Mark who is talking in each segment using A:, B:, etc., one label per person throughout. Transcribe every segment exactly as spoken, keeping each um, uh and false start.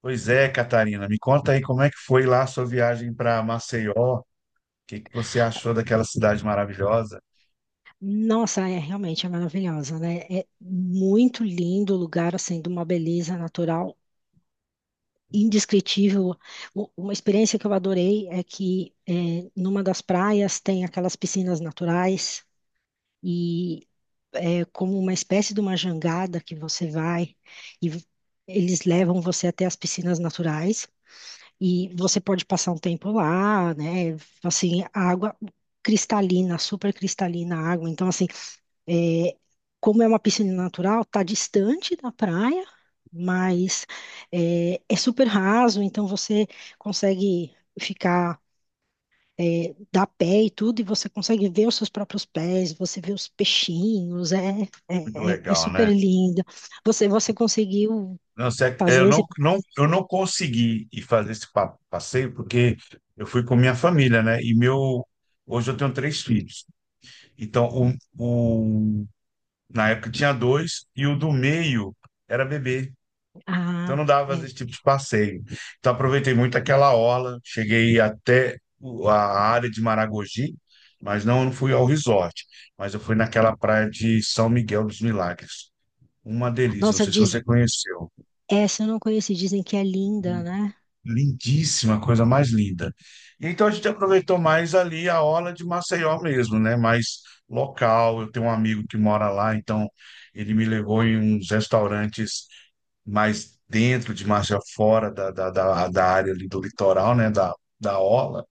A: Pois é, Catarina, me conta aí como é que foi lá a sua viagem para Maceió? O que que você achou daquela cidade maravilhosa?
B: Nossa, é realmente é maravilhosa, né? É muito lindo o lugar, assim, de uma beleza natural indescritível. U- Uma experiência que eu adorei é que é, numa das praias tem aquelas piscinas naturais, e é como uma espécie de uma jangada que você vai, e v- eles levam você até as piscinas naturais, e você pode passar um tempo lá, né? Assim, a água cristalina, super cristalina a água. Então, assim, é, como é uma piscina natural, está distante da praia, mas é, é super raso, então você consegue ficar, é, dar pé e tudo, e você consegue ver os seus próprios pés, você vê os peixinhos, é,
A: Muito
B: é, é- é
A: legal,
B: super
A: né?
B: lindo. Você, você conseguiu
A: Não, sé- eu
B: fazer esse...
A: não, não, eu não consegui ir fazer esse pa- passeio porque eu fui com minha família, né? E meu, hoje eu tenho três filhos. Então, o, o, na época tinha dois e o do meio era bebê. Então
B: Ah,
A: não dava
B: é.
A: esse tipo de passeio. Então aproveitei muito aquela orla, cheguei até o- a área de Maragogi, mas não, não fui ao resort, mas eu fui naquela praia de São Miguel dos Milagres. Uma delícia, não
B: Nossa,
A: sei se
B: diz...
A: você conheceu.
B: essa eu não conheci, dizem que é linda, né?
A: Lindíssima, coisa mais linda. Então a gente aproveitou mais ali a orla de Maceió mesmo, né? Mais local. Eu tenho um amigo que mora lá, então ele me levou em uns restaurantes mais dentro de margem fora da, da, da, da área ali do litoral, né? Da, da orla.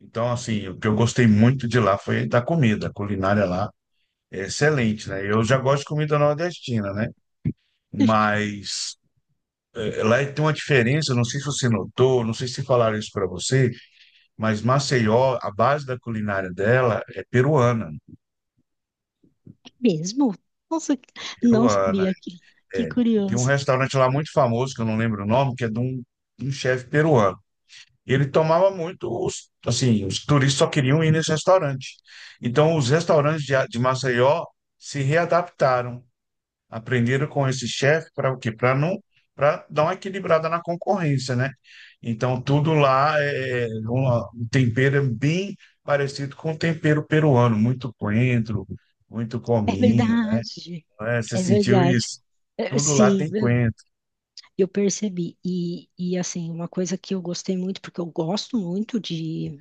A: Então, assim, o que eu gostei muito de lá foi da comida. A culinária lá é excelente, né? Eu já gosto de comida nordestina, né? Mas eh, lá tem uma diferença, não sei se você notou, não sei se falaram isso para você, mas Maceió, a base da culinária dela é peruana.
B: É mesmo? Nossa, não
A: Peruana,
B: sabia, que, que
A: é. Tem um
B: curioso.
A: restaurante lá muito famoso, que eu não lembro o nome, que é de um, de um chefe peruano. Ele tomava muito, os, assim, os turistas só queriam ir nesse restaurante. Então, os restaurantes de, A- de Maceió se readaptaram, aprenderam com esse chefe para o quê? Para não, para dar uma equilibrada na concorrência, né? Então, tudo lá é é uma- um tempero é bem parecido com o tempero peruano, muito coentro, muito
B: É
A: cominho, né?
B: verdade.
A: É, você
B: É
A: sentiu
B: verdade.
A: isso?
B: É,
A: Tudo lá
B: sim,
A: tem
B: eu
A: coentro.
B: eu percebi. E, e, assim, uma coisa que eu gostei muito, porque eu gosto muito de,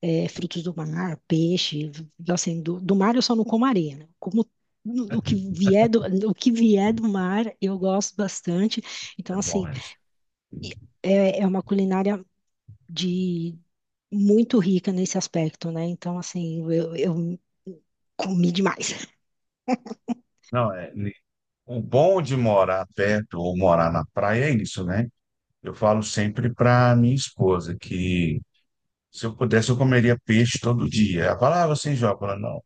B: é, frutos do mar, peixe, assim, do, do mar eu só não como areia, né? Como o que vier do, o que vier do mar eu gosto bastante.
A: É
B: Então,
A: bom
B: assim,
A: isso.
B: e é, é uma culinária de muito rica nesse aspecto, né? Então, assim, eu, eu comi demais.
A: Não, é, o bom de morar perto ou morar na praia é isso, né? Eu falo sempre para minha esposa que se eu pudesse eu comeria peixe todo dia. Ela fala, ah, você enjoa? Eu falo, não.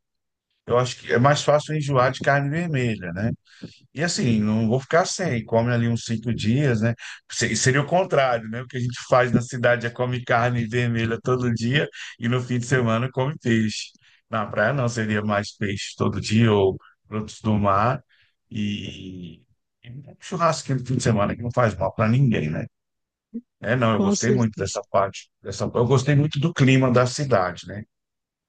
A: Eu acho que é mais fácil eu enjoar de carne vermelha, né? E assim, não vou ficar sem, come ali uns cinco dias, né? Se- Seria o contrário, né? O que a gente faz na cidade é come carne vermelha todo dia e no fim de semana come peixe. Na praia não, seria mais peixe todo dia ou frutos do mar e, e um churrasquinho no fim de semana que não faz mal para ninguém, né? É, não, eu
B: Com
A: gostei muito
B: certeza.
A: dessa parte, dessa, eu gostei muito do clima da cidade, né?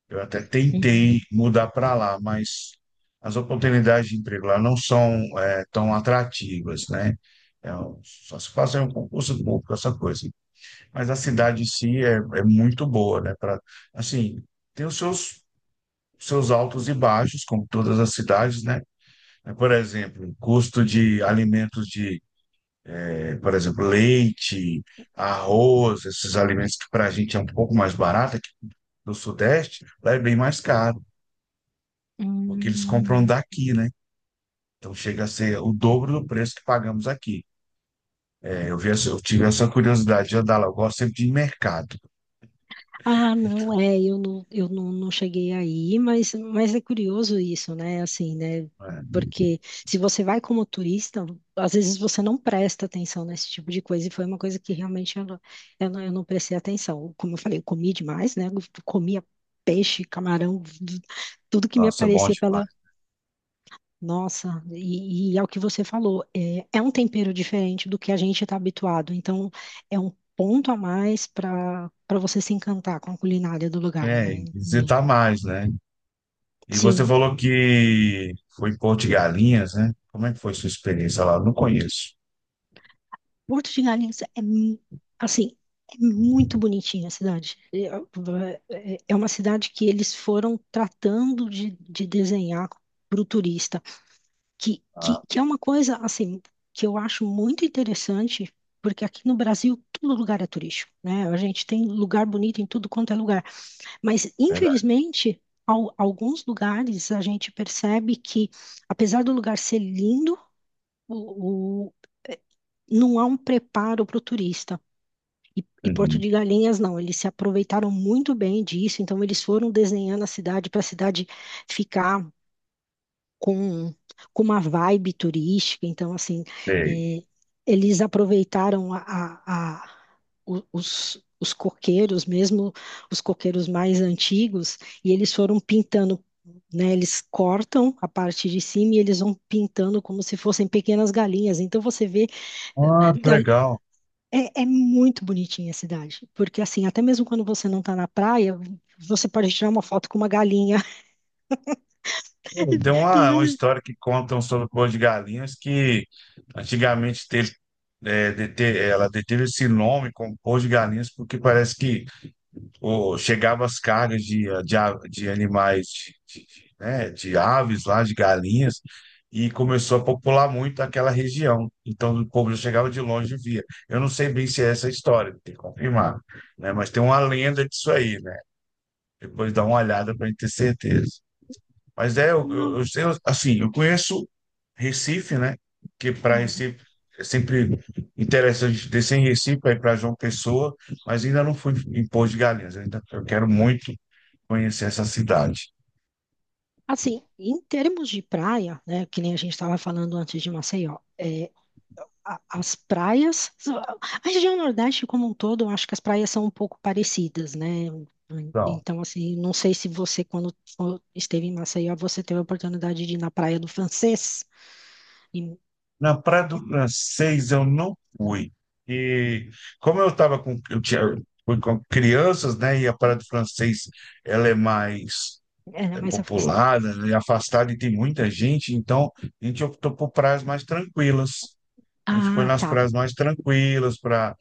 A: Eu até
B: Uhum.
A: tentei mudar para lá, mas as oportunidades de emprego lá não são é, tão atrativas, né? É, um, só se faz um concurso público, essa coisa. Mas a cidade em si é, é muito boa, né? Pra, assim, tem os seus, seus altos e baixos, como todas as cidades, né? É, por exemplo, o custo de alimentos de, eh, por exemplo, leite, arroz, esses alimentos que para a gente é um pouco mais barato, aqui do Sudeste, lá é bem mais caro. Porque eles compram
B: Hum.
A: daqui, né? Então chega a ser o dobro do preço que pagamos aqui. É, eu vi essa- eu tive essa curiosidade de andar lá. Eu gosto sempre de ir em mercado,
B: Ah, não, é, eu não, eu não, não cheguei aí, mas, mas é curioso isso, né? Assim, né?
A: né?
B: Porque se você vai como turista, às vezes você não presta atenção nesse tipo de coisa, e foi uma coisa que realmente eu não, eu não, eu não prestei atenção. Como eu falei, eu comi demais, né? Eu comia peixe, camarão, tudo que me
A: Nossa, é bom
B: aparecia pela
A: demais.
B: nossa, e, e é o que você falou, é, é um tempero diferente do que a gente está habituado, então é um ponto a mais para para você se encantar com a culinária do lugar,
A: É, e
B: né? Hum.
A: visitar mais, né? E você
B: Sim,
A: falou que foi em Porto de Galinhas, né? Como é que foi sua experiência lá? Eu não conheço.
B: Porto de Galinhas é mu- assim, é muito bonitinha a cidade. É, é é uma cidade que eles foram tratando de, de desenhar para o turista. Que, que,
A: Ah,
B: que é uma coisa, assim, que eu acho muito interessante, porque aqui no Brasil todo lugar é turístico, né? A gente tem lugar bonito em tudo quanto é lugar, mas
A: verdade.
B: infelizmente, al- alguns lugares a gente percebe que, apesar do lugar ser lindo, o, o- eh, não há um preparo para o turista. E, e Porto
A: Uhum.
B: de Galinhas, não, eles se aproveitaram muito bem disso, então eles foram desenhando a cidade para a cidade ficar com, com uma vibe turística. Então, assim,
A: Sei.
B: é, eles aproveitaram a, a- a- o- os, os coqueiros, mesmo os coqueiros mais antigos, e eles foram pintando, né? Eles cortam a parte de cima e eles vão pintando como se fossem pequenas galinhas. Então, você vê,
A: Ah, que
B: gal-
A: legal.
B: é, é muito bonitinha a cidade, porque, assim, até mesmo quando você não está na praia, você pode tirar uma foto com uma galinha.
A: Tem
B: Tem
A: uma, uma
B: vezes-
A: história que contam sobre Porto de Galinhas que antigamente teve, é, dete- ela deteve esse nome como Porto de Galinhas porque parece que ou chegava as cargas de, a- de, a- de animais, de, de- de, né, de aves lá, de galinhas, e começou a popular muito aquela região. Então o povo já chegava de longe e via. Eu não sei bem se é essa a história, tem que confirmar, né? Mas tem uma lenda disso aí, né? Depois dá uma olhada para gente ter certeza. Mas é, eu, eu, eu sei, assim, eu conheço Recife, né? Que para
B: Não.
A: Recife é sempre interessante descer em Recife aí para João Pessoa, mas ainda não fui em Poço de Galinhas. Eu, ainda, eu quero muito conhecer essa cidade.
B: Assim, em termos de praia, né, que nem a gente estava falando antes de Maceió, é, a- as praias, a região Nordeste como um todo, eu acho que as praias são um pouco parecidas, né?
A: Então,
B: Então, assim, não sei se você, quando for- esteve em Maceió, você teve a oportunidade de ir na Praia do Francês, e
A: na Praia do Francês eu não fui. E como eu estava com, eu tinha, fui com crianças, né? E a Praia do Francês ela é mais
B: ela é, né,
A: é,
B: mais afastada.
A: popular, né, afastada e tem muita gente, então a gente optou por praias mais tranquilas. A gente foi
B: Ah,
A: nas
B: tá.
A: praias mais tranquilas para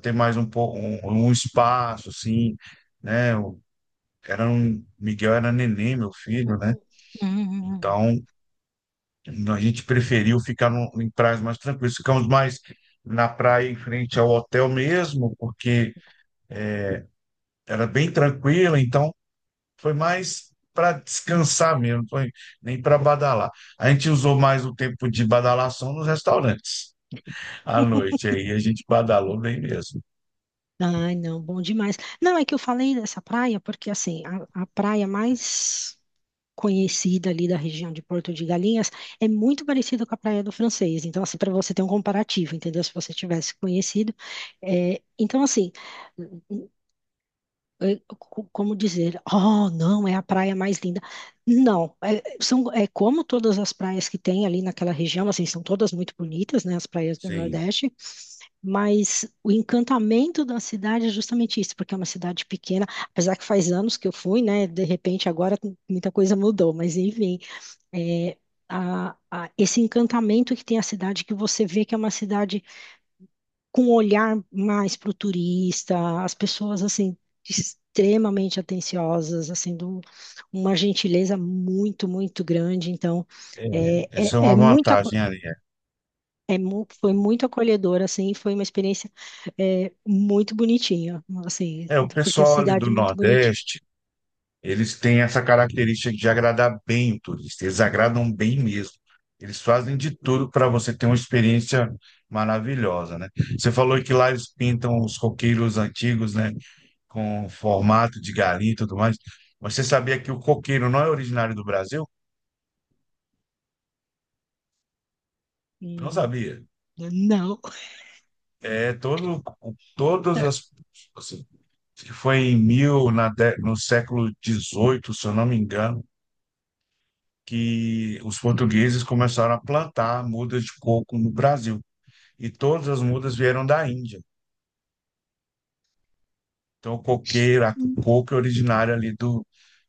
A: ter mais um, pouco um, um espaço, assim, né? O- Era um, Miguel era neném, meu filho, né?
B: Hum, hum, hum.
A: Então, a gente preferiu ficar num- em praias mais tranquilas. Ficamos mais na praia em frente ao hotel mesmo, porque era bem tranquila, então foi mais para descansar mesmo, não foi nem para badalar. A gente usou mais o tempo de badalação nos restaurantes à noite, aí a gente badalou bem mesmo.
B: Ai, não, bom demais. Não, é que eu falei dessa praia porque, assim, a, a praia mais conhecida ali da região de Porto de Galinhas é muito parecida com a Praia do Francês. Então, assim, para você ter um comparativo, entendeu? Se você tivesse conhecido. É, então, assim, é, co- como dizer, oh, não, é a praia mais linda. Não, é, são, é como todas as praias que tem ali naquela região, assim, são todas muito bonitas, né, as praias do
A: Sim.
B: Nordeste, mas o encantamento da cidade é justamente isso, porque é uma cidade pequena, apesar que faz anos que eu fui, né, de repente agora muita coisa mudou, mas enfim, é, a- a- esse encantamento que tem a cidade, que você vê que é uma cidade com um olhar mais para o turista, as pessoas assim extremamente atenciosas, assim, de um- uma gentileza muito, muito grande. Então, é, é,
A: Essa é
B: é
A: uma
B: muito, aco-
A: vantagem ali. É,
B: é mu- foi muito acolhedor, assim, foi uma experiência, é, muito bonitinha, assim,
A: É, o
B: porque a
A: pessoal ali
B: cidade
A: do
B: é muito bonitinha.
A: Nordeste, eles têm essa característica de agradar bem o turista, eles agradam bem mesmo. Eles fazem de tudo para você ter uma experiência maravilhosa, né? Você falou que lá eles pintam os coqueiros antigos, né, com formato de galinha e tudo mais. Mas você sabia que o coqueiro não é originário do Brasil? Não
B: Hum,
A: sabia.
B: Não.
A: É todo, todas as assim, acho que foi em mil na, dé- no século dezoito se eu não me engano que os portugueses começaram a plantar mudas de coco no Brasil. E todas as mudas vieram da Índia. Então, o coqueiro, a- o coco é originário ali do,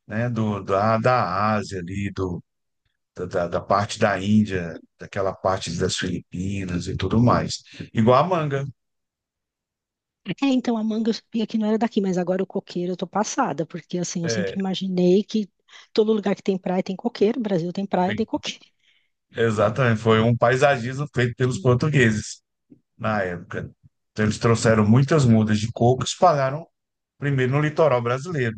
A: né, do, da, da Ásia, ali, do, da, da da parte da Índia, daquela parte das Filipinas e tudo mais. Igual a manga.
B: É, então a manga eu sabia que não era daqui, mas agora o coqueiro eu tô passada, porque assim, eu
A: É,
B: sempre imaginei que todo lugar que tem praia tem coqueiro, Brasil tem praia, tem
A: tem-
B: coqueiro.
A: exatamente. Foi um paisagismo feito pelos portugueses na época. Então, eles trouxeram muitas mudas de coco e espalharam primeiro no litoral brasileiro.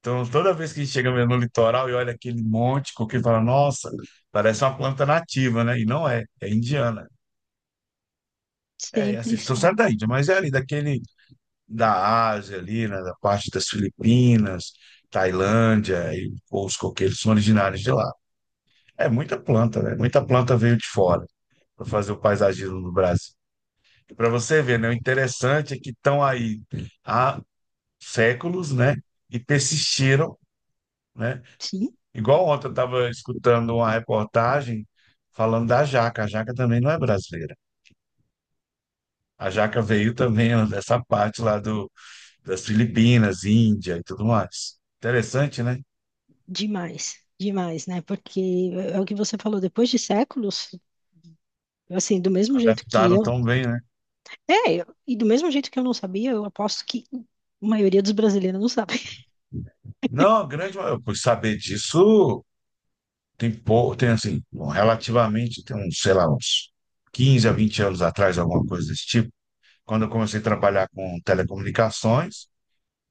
A: Então, toda vez que chega mesmo no litoral e olha aquele monte, coqueiro, fala, nossa, parece uma planta nativa, né? E não é, é indiana. É, é
B: Sempre
A: assim, se
B: são.
A: trouxeram da Índia, mas é ali daquele, da Ásia ali, né? Da parte das Filipinas, Tailândia, e os coqueiros são originários de lá. É muita planta, né? Muita planta veio de fora para fazer o paisagismo do Brasil. E para você ver, né? O interessante é que estão aí há séculos, né? E persistiram, né?
B: Sim,
A: Igual ontem eu estava escutando uma reportagem falando da Jaca. A Jaca também não é brasileira. A Jaca veio também ó, dessa parte lá do, das Filipinas, Índia e tudo mais. Interessante, né?
B: demais, demais, né? Porque é o que você falou, depois de séculos, assim, do mesmo jeito que
A: Adaptaram
B: eu.
A: tão bem, né?
B: É, eu- e do mesmo jeito que eu não sabia, eu aposto que a maioria dos brasileiros não sabe.
A: Não, a grande maioria. Por saber disso, tem pouco, tem assim, bom, relativamente, tem uns, sei lá, uns quinze a vinte anos atrás, alguma coisa desse tipo. Quando eu comecei a trabalhar com telecomunicações,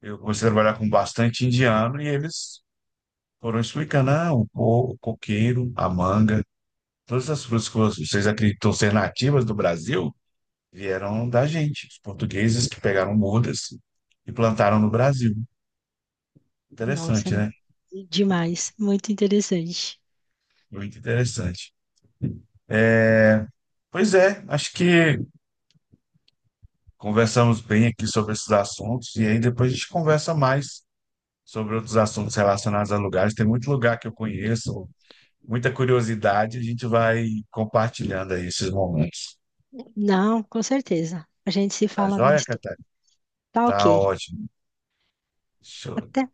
A: eu comecei a trabalhar com bastante indiano e eles foram explicando, ah, o co- o coqueiro, a manga, todas as frutas que vocês acreditam ser nativas do Brasil vieram da gente, os portugueses que pegaram mudas e plantaram no Brasil.
B: Nossa, é
A: Interessante, né?
B: demais, muito interessante.
A: Muito interessante. Pois é, acho que conversamos bem aqui sobre esses assuntos e aí depois a gente conversa mais sobre outros assuntos relacionados a lugares. Tem muito lugar que eu conheço, muita curiosidade, a gente vai compartilhando aí esses momentos.
B: Não, com certeza. A gente se
A: Tá
B: fala
A: joia,
B: mais tarde.
A: Catarina?
B: Tá
A: Tá
B: ok.
A: ótimo. Show.
B: Até.